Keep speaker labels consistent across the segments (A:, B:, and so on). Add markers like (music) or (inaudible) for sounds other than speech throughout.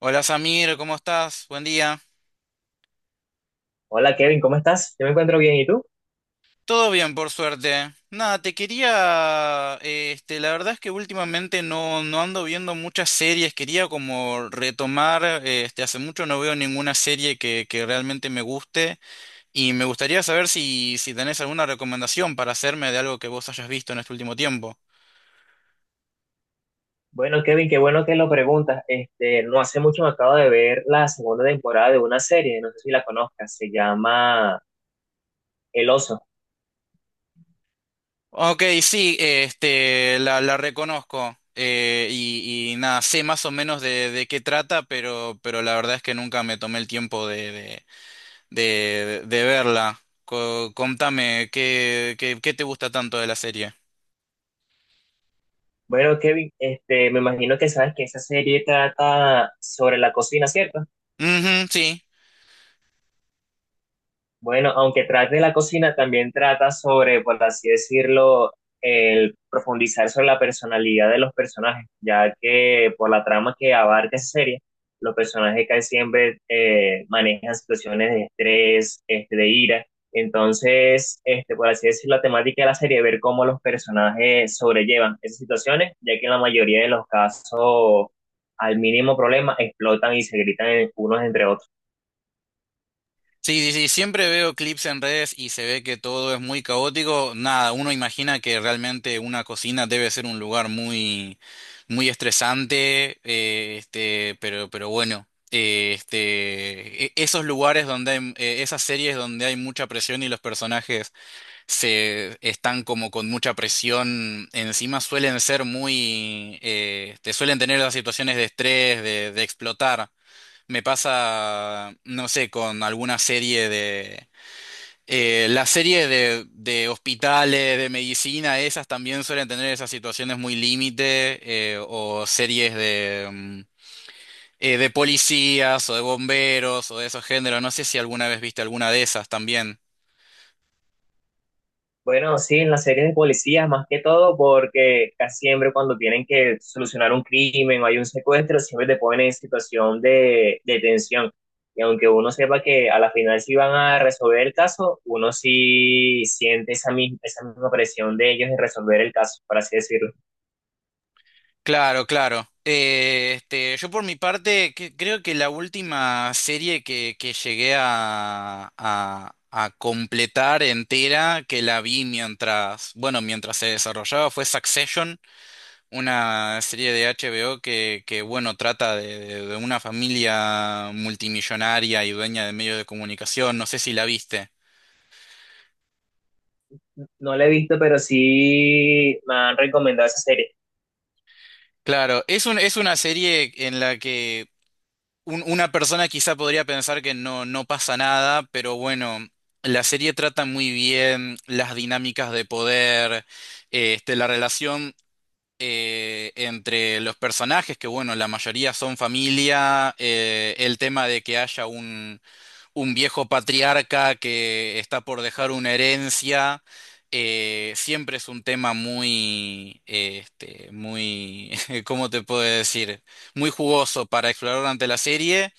A: Hola Samir, ¿cómo estás? Buen día.
B: Hola Kevin, ¿cómo estás? Yo me encuentro bien, ¿y tú?
A: Todo bien, por suerte. Nada, te quería, la verdad es que últimamente no ando viendo muchas series, quería como retomar, hace mucho no veo ninguna serie que realmente me guste y me gustaría saber si tenés alguna recomendación para hacerme de algo que vos hayas visto en este último tiempo.
B: Bueno, Kevin, qué bueno que lo preguntas. No hace mucho me acabo de ver la segunda temporada de una serie, no sé si la conozcas, se llama El Oso.
A: Ok, sí, la reconozco. Y nada, sé más o menos de qué trata, pero la verdad es que nunca me tomé el tiempo de verla. Contame, ¿ qué te gusta tanto de la serie?
B: Bueno, Kevin, me imagino que sabes que esa serie trata sobre la cocina, ¿cierto?
A: Ujú, sí.
B: Bueno, aunque trate la cocina, también trata sobre, por así decirlo, el profundizar sobre la personalidad de los personajes, ya que por la trama que abarca esa serie, los personajes casi siempre manejan situaciones de estrés, de ira. Entonces, por así decirlo, la temática de la serie es ver cómo los personajes sobrellevan esas situaciones, ya que en la mayoría de los casos, al mínimo problema, explotan y se gritan unos entre otros.
A: Sí, siempre veo clips en redes y se ve que todo es muy caótico. Nada, uno imagina que realmente una cocina debe ser un lugar muy estresante, pero bueno, esos lugares donde hay, esas series donde hay mucha presión y los personajes se están como con mucha presión encima, suelen ser muy, te suelen tener las situaciones de estrés, de explotar. Me pasa, no sé, con alguna serie de... la serie de hospitales, de medicina, esas también suelen tener esas situaciones muy límite, o series de, de policías o de bomberos o de esos géneros. No sé si alguna vez viste alguna de esas también.
B: Bueno, sí, en las series de policías más que todo, porque casi siempre cuando tienen que solucionar un crimen o hay un secuestro, siempre te ponen en situación de tensión. Y aunque uno sepa que a la final sí van a resolver el caso, uno sí siente esa misma presión de ellos en resolver el caso, por así decirlo.
A: Claro, claro. Yo por mi parte creo que la última serie que llegué a completar entera, que la vi mientras, bueno, mientras se desarrollaba, fue Succession, una serie de HBO que bueno, trata de, de una familia multimillonaria y dueña de medios de comunicación. No sé si la viste.
B: No la he visto, pero sí me han recomendado esa serie.
A: Claro, es un, es una serie en la que una persona quizá podría pensar que no, no pasa nada, pero bueno, la serie trata muy bien las dinámicas de poder, la relación entre los personajes, que bueno, la mayoría son familia, el tema de que haya un viejo patriarca que está por dejar una herencia. Siempre es un tema muy, muy, (laughs) ¿cómo te puedo decir? Muy jugoso para explorar durante la serie.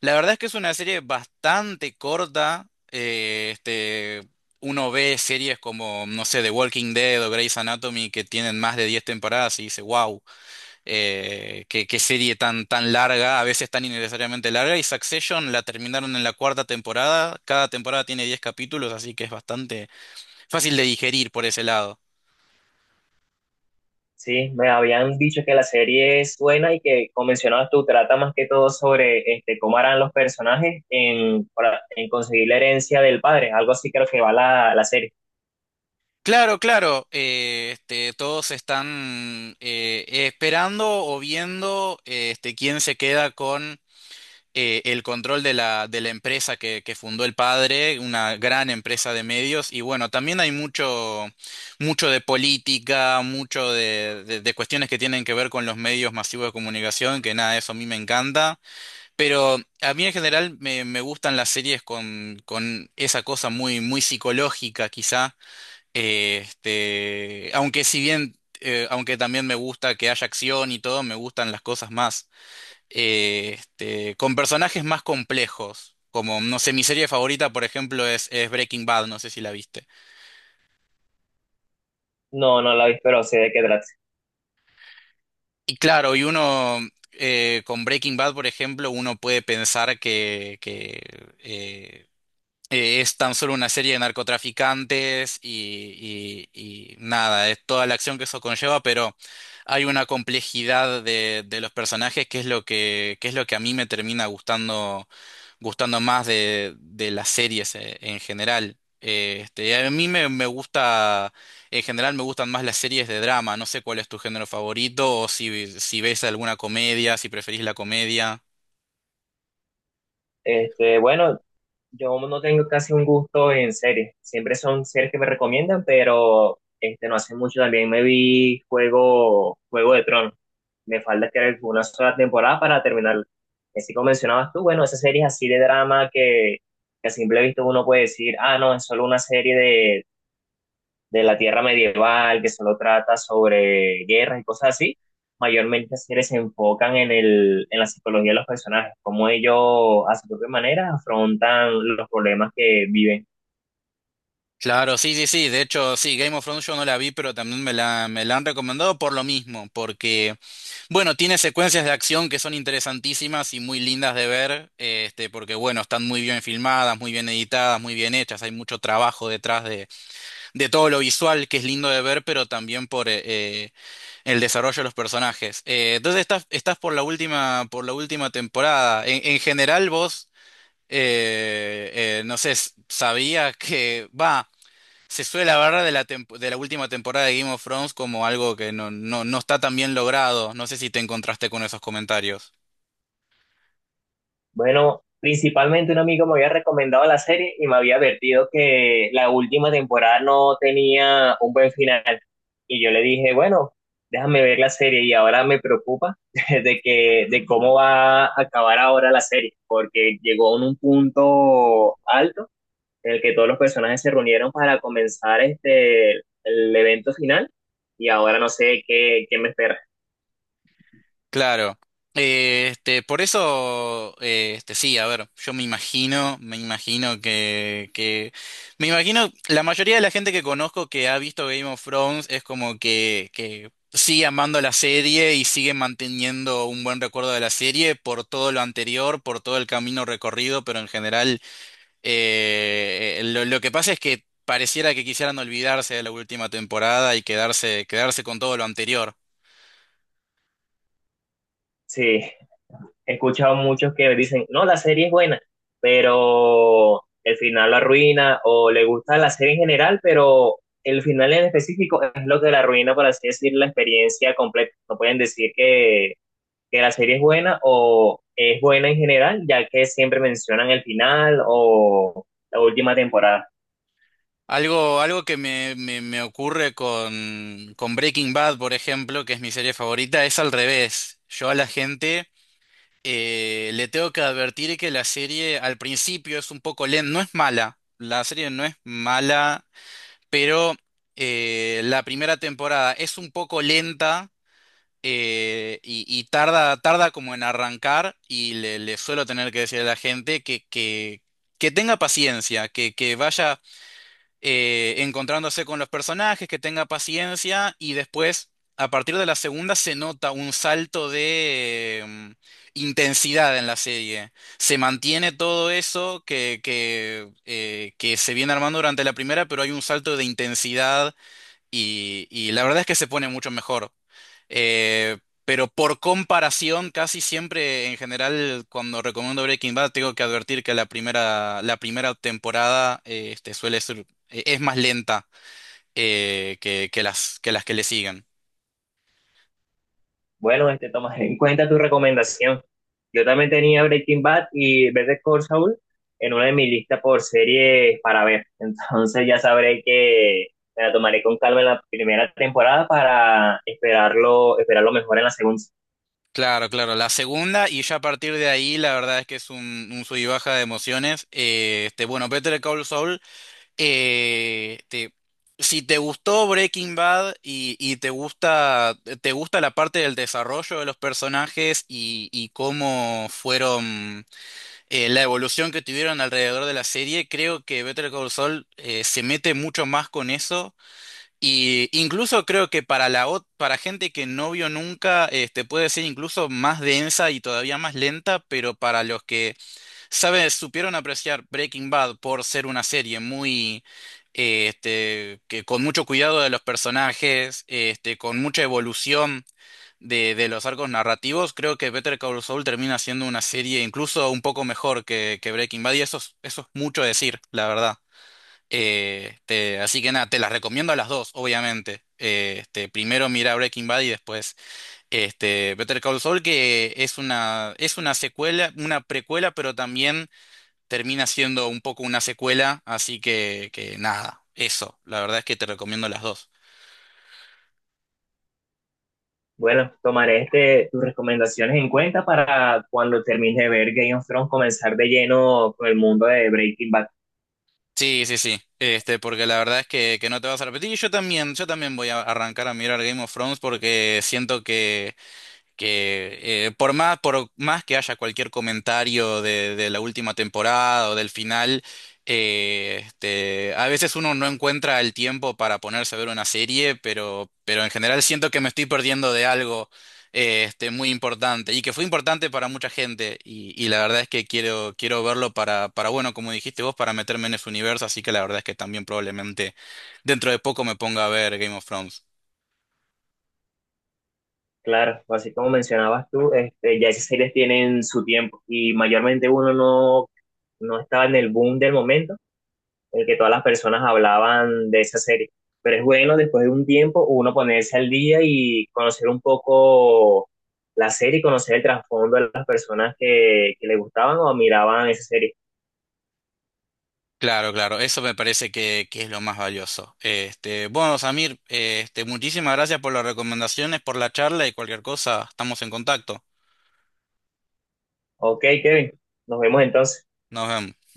A: La verdad es que es una serie bastante corta. Uno ve series como, no sé, The Walking Dead o Grey's Anatomy que tienen más de 10 temporadas y dice, wow, qué serie tan larga, a veces tan innecesariamente larga. Y Succession la terminaron en la cuarta temporada. Cada temporada tiene 10 capítulos, así que es bastante fácil de digerir por ese lado.
B: Sí, me habían dicho que la serie es buena y que, como mencionabas tú, trata más que todo sobre cómo harán los personajes en, en conseguir la herencia del padre. Algo así creo que va la serie.
A: Claro, claro, todos están esperando o viendo quién se queda con el control de la empresa que fundó el padre, una gran empresa de medios, y bueno, también hay mucho, mucho de política, mucho de, de cuestiones que tienen que ver con los medios masivos de comunicación, que nada, eso a mí me encanta, pero a mí en general me, me gustan las series con esa cosa muy, muy psicológica quizá, aunque si bien... aunque también me gusta que haya acción y todo, me gustan las cosas más con personajes más complejos. Como, no sé, mi serie favorita, por ejemplo, es Breaking Bad, no sé si la viste.
B: No, no la vi, pero sé de qué trata.
A: Y claro, y uno, con Breaking Bad, por ejemplo, uno puede pensar que, eh, es tan solo una serie de narcotraficantes y, y nada, es toda la acción que eso conlleva, pero hay una complejidad de los personajes que es lo que es lo que a mí me termina gustando, gustando más de las series en general. A mí me, me gusta, en general me gustan más las series de drama. No sé cuál es tu género favorito o si, si ves alguna comedia, si preferís la comedia.
B: Este, bueno, yo no tengo casi un gusto en series. Siempre son series que me recomiendan, pero no hace mucho también me vi Juego de Tronos. Me falta que una sola temporada para terminar. Así como mencionabas tú, bueno, esas series así de drama que a simple vista uno puede decir, ah, no, es solo una serie de la tierra medieval, que solo trata sobre guerras y cosas así, mayormente series se enfocan en en la psicología de los personajes, cómo ellos a su propia manera afrontan los problemas que viven.
A: Claro, sí, sí, sí. De hecho, sí, Game of Thrones yo no la vi, pero también me la han recomendado por lo mismo, porque, bueno, tiene secuencias de acción que son interesantísimas y muy lindas de ver, porque, bueno, están muy bien filmadas, muy bien editadas, muy bien hechas, hay mucho trabajo detrás de todo lo visual que es lindo de ver, pero también por el desarrollo de los personajes. Entonces estás por la última temporada. En general, vos, no sé, sabías que va. Se suele hablar de la, de la última temporada de Game of Thrones como algo que no está tan bien logrado. No sé si te encontraste con esos comentarios.
B: Bueno, principalmente un amigo me había recomendado la serie y me había advertido que la última temporada no tenía un buen final. Y yo le dije, bueno, déjame ver la serie y ahora me preocupa (laughs) de que, de cómo va a acabar ahora la serie, porque llegó en un punto alto en el que todos los personajes se reunieron para comenzar el evento final y ahora no sé qué, qué me espera.
A: Claro. Por eso, sí, a ver, yo me imagino, me imagino me imagino, la mayoría de la gente que conozco que ha visto Game of Thrones es como que sigue amando la serie y sigue manteniendo un buen recuerdo de la serie por todo lo anterior, por todo el camino recorrido, pero en general, lo que pasa es que pareciera que quisieran olvidarse de la última temporada y quedarse, quedarse con todo lo anterior.
B: Sí. He escuchado muchos que dicen, no, la serie es buena, pero el final la arruina, o le gusta la serie en general, pero el final en específico es lo que la arruina, por así decir, la experiencia completa. No pueden decir que la serie es buena o es buena en general, ya que siempre mencionan el final o la última temporada.
A: Algo, algo que me ocurre con Breaking Bad, por ejemplo, que es mi serie favorita, es al revés. Yo a la gente le tengo que advertir que la serie al principio es un poco lenta, no es mala, la serie no es mala, pero la primera temporada es un poco lenta y tarda, tarda como en arrancar y le suelo tener que decir a la gente que tenga paciencia, que vaya encontrándose con los personajes, que tenga paciencia y después, a partir de la segunda, se nota un salto de intensidad en la serie. Se mantiene todo eso que se viene armando durante la primera, pero hay un salto de intensidad y la verdad es que se pone mucho mejor. Eh, pero por comparación, casi siempre en general, cuando recomiendo Breaking Bad, tengo que advertir que la primera temporada suele ser, es más lenta que que las que le siguen.
B: Bueno, tomaré (laughs) en cuenta tu recomendación. Yo también tenía Breaking Bad y Better Call Saul en una de mis listas por series para ver. (laughs) Entonces ya sabré que me la tomaré con calma en la primera temporada para esperarlo, esperarlo mejor en la segunda.
A: Claro, claro, la segunda y ya a partir de ahí la verdad es que es un sub y baja de emociones. Bueno, Better Call Saul eh, te- si te gustó Breaking Bad y te gusta la parte del desarrollo de los personajes y cómo fueron, la evolución que tuvieron alrededor de la serie, creo que Better Call Saul se mete mucho más con eso. Y incluso creo que para la para gente que no vio nunca, este, puede ser incluso más densa y todavía más lenta, pero para los que ¿Sabes? Supieron apreciar Breaking Bad por ser una serie muy, que con mucho cuidado de los personajes, este, con mucha evolución de los arcos narrativos. Creo que Better Call Saul termina siendo una serie incluso un poco mejor que Breaking Bad y eso es mucho decir, la verdad. Así que nada, te las recomiendo a las dos, obviamente. Primero mira Breaking Bad y después este, Better Call Saul, que es una secuela, una precuela, pero también termina siendo un poco una secuela, así que nada, eso, la verdad es que te recomiendo las dos.
B: Bueno, tomaré tus recomendaciones en cuenta para cuando termine de ver Game of Thrones comenzar de lleno con el mundo de Breaking Bad.
A: Sí, sí, sí, este, porque la verdad es que no te vas a repetir y yo también voy a arrancar a mirar Game of Thrones porque siento que por más que haya cualquier comentario de la última temporada o del final, a veces uno no encuentra el tiempo para ponerse a ver una serie, pero en general siento que me estoy perdiendo de algo muy importante y que fue importante para mucha gente y la verdad es que quiero, quiero verlo para, bueno, como dijiste vos, para meterme en ese universo, así que la verdad es que también probablemente dentro de poco me ponga a ver Game of Thrones.
B: Claro, pues así como mencionabas tú, ya esas series tienen su tiempo y mayormente uno no, no estaba en el boom del momento en el que todas las personas hablaban de esa serie. Pero es bueno después de un tiempo uno ponerse al día y conocer un poco la serie y conocer el trasfondo de las personas que le gustaban o miraban esa serie.
A: Claro, claro, eso me parece que es lo más valioso. Este, bueno, Samir, este, muchísimas gracias por las recomendaciones, por la charla y cualquier cosa, estamos en contacto.
B: Ok, Kevin, nos vemos entonces.
A: Nos vemos.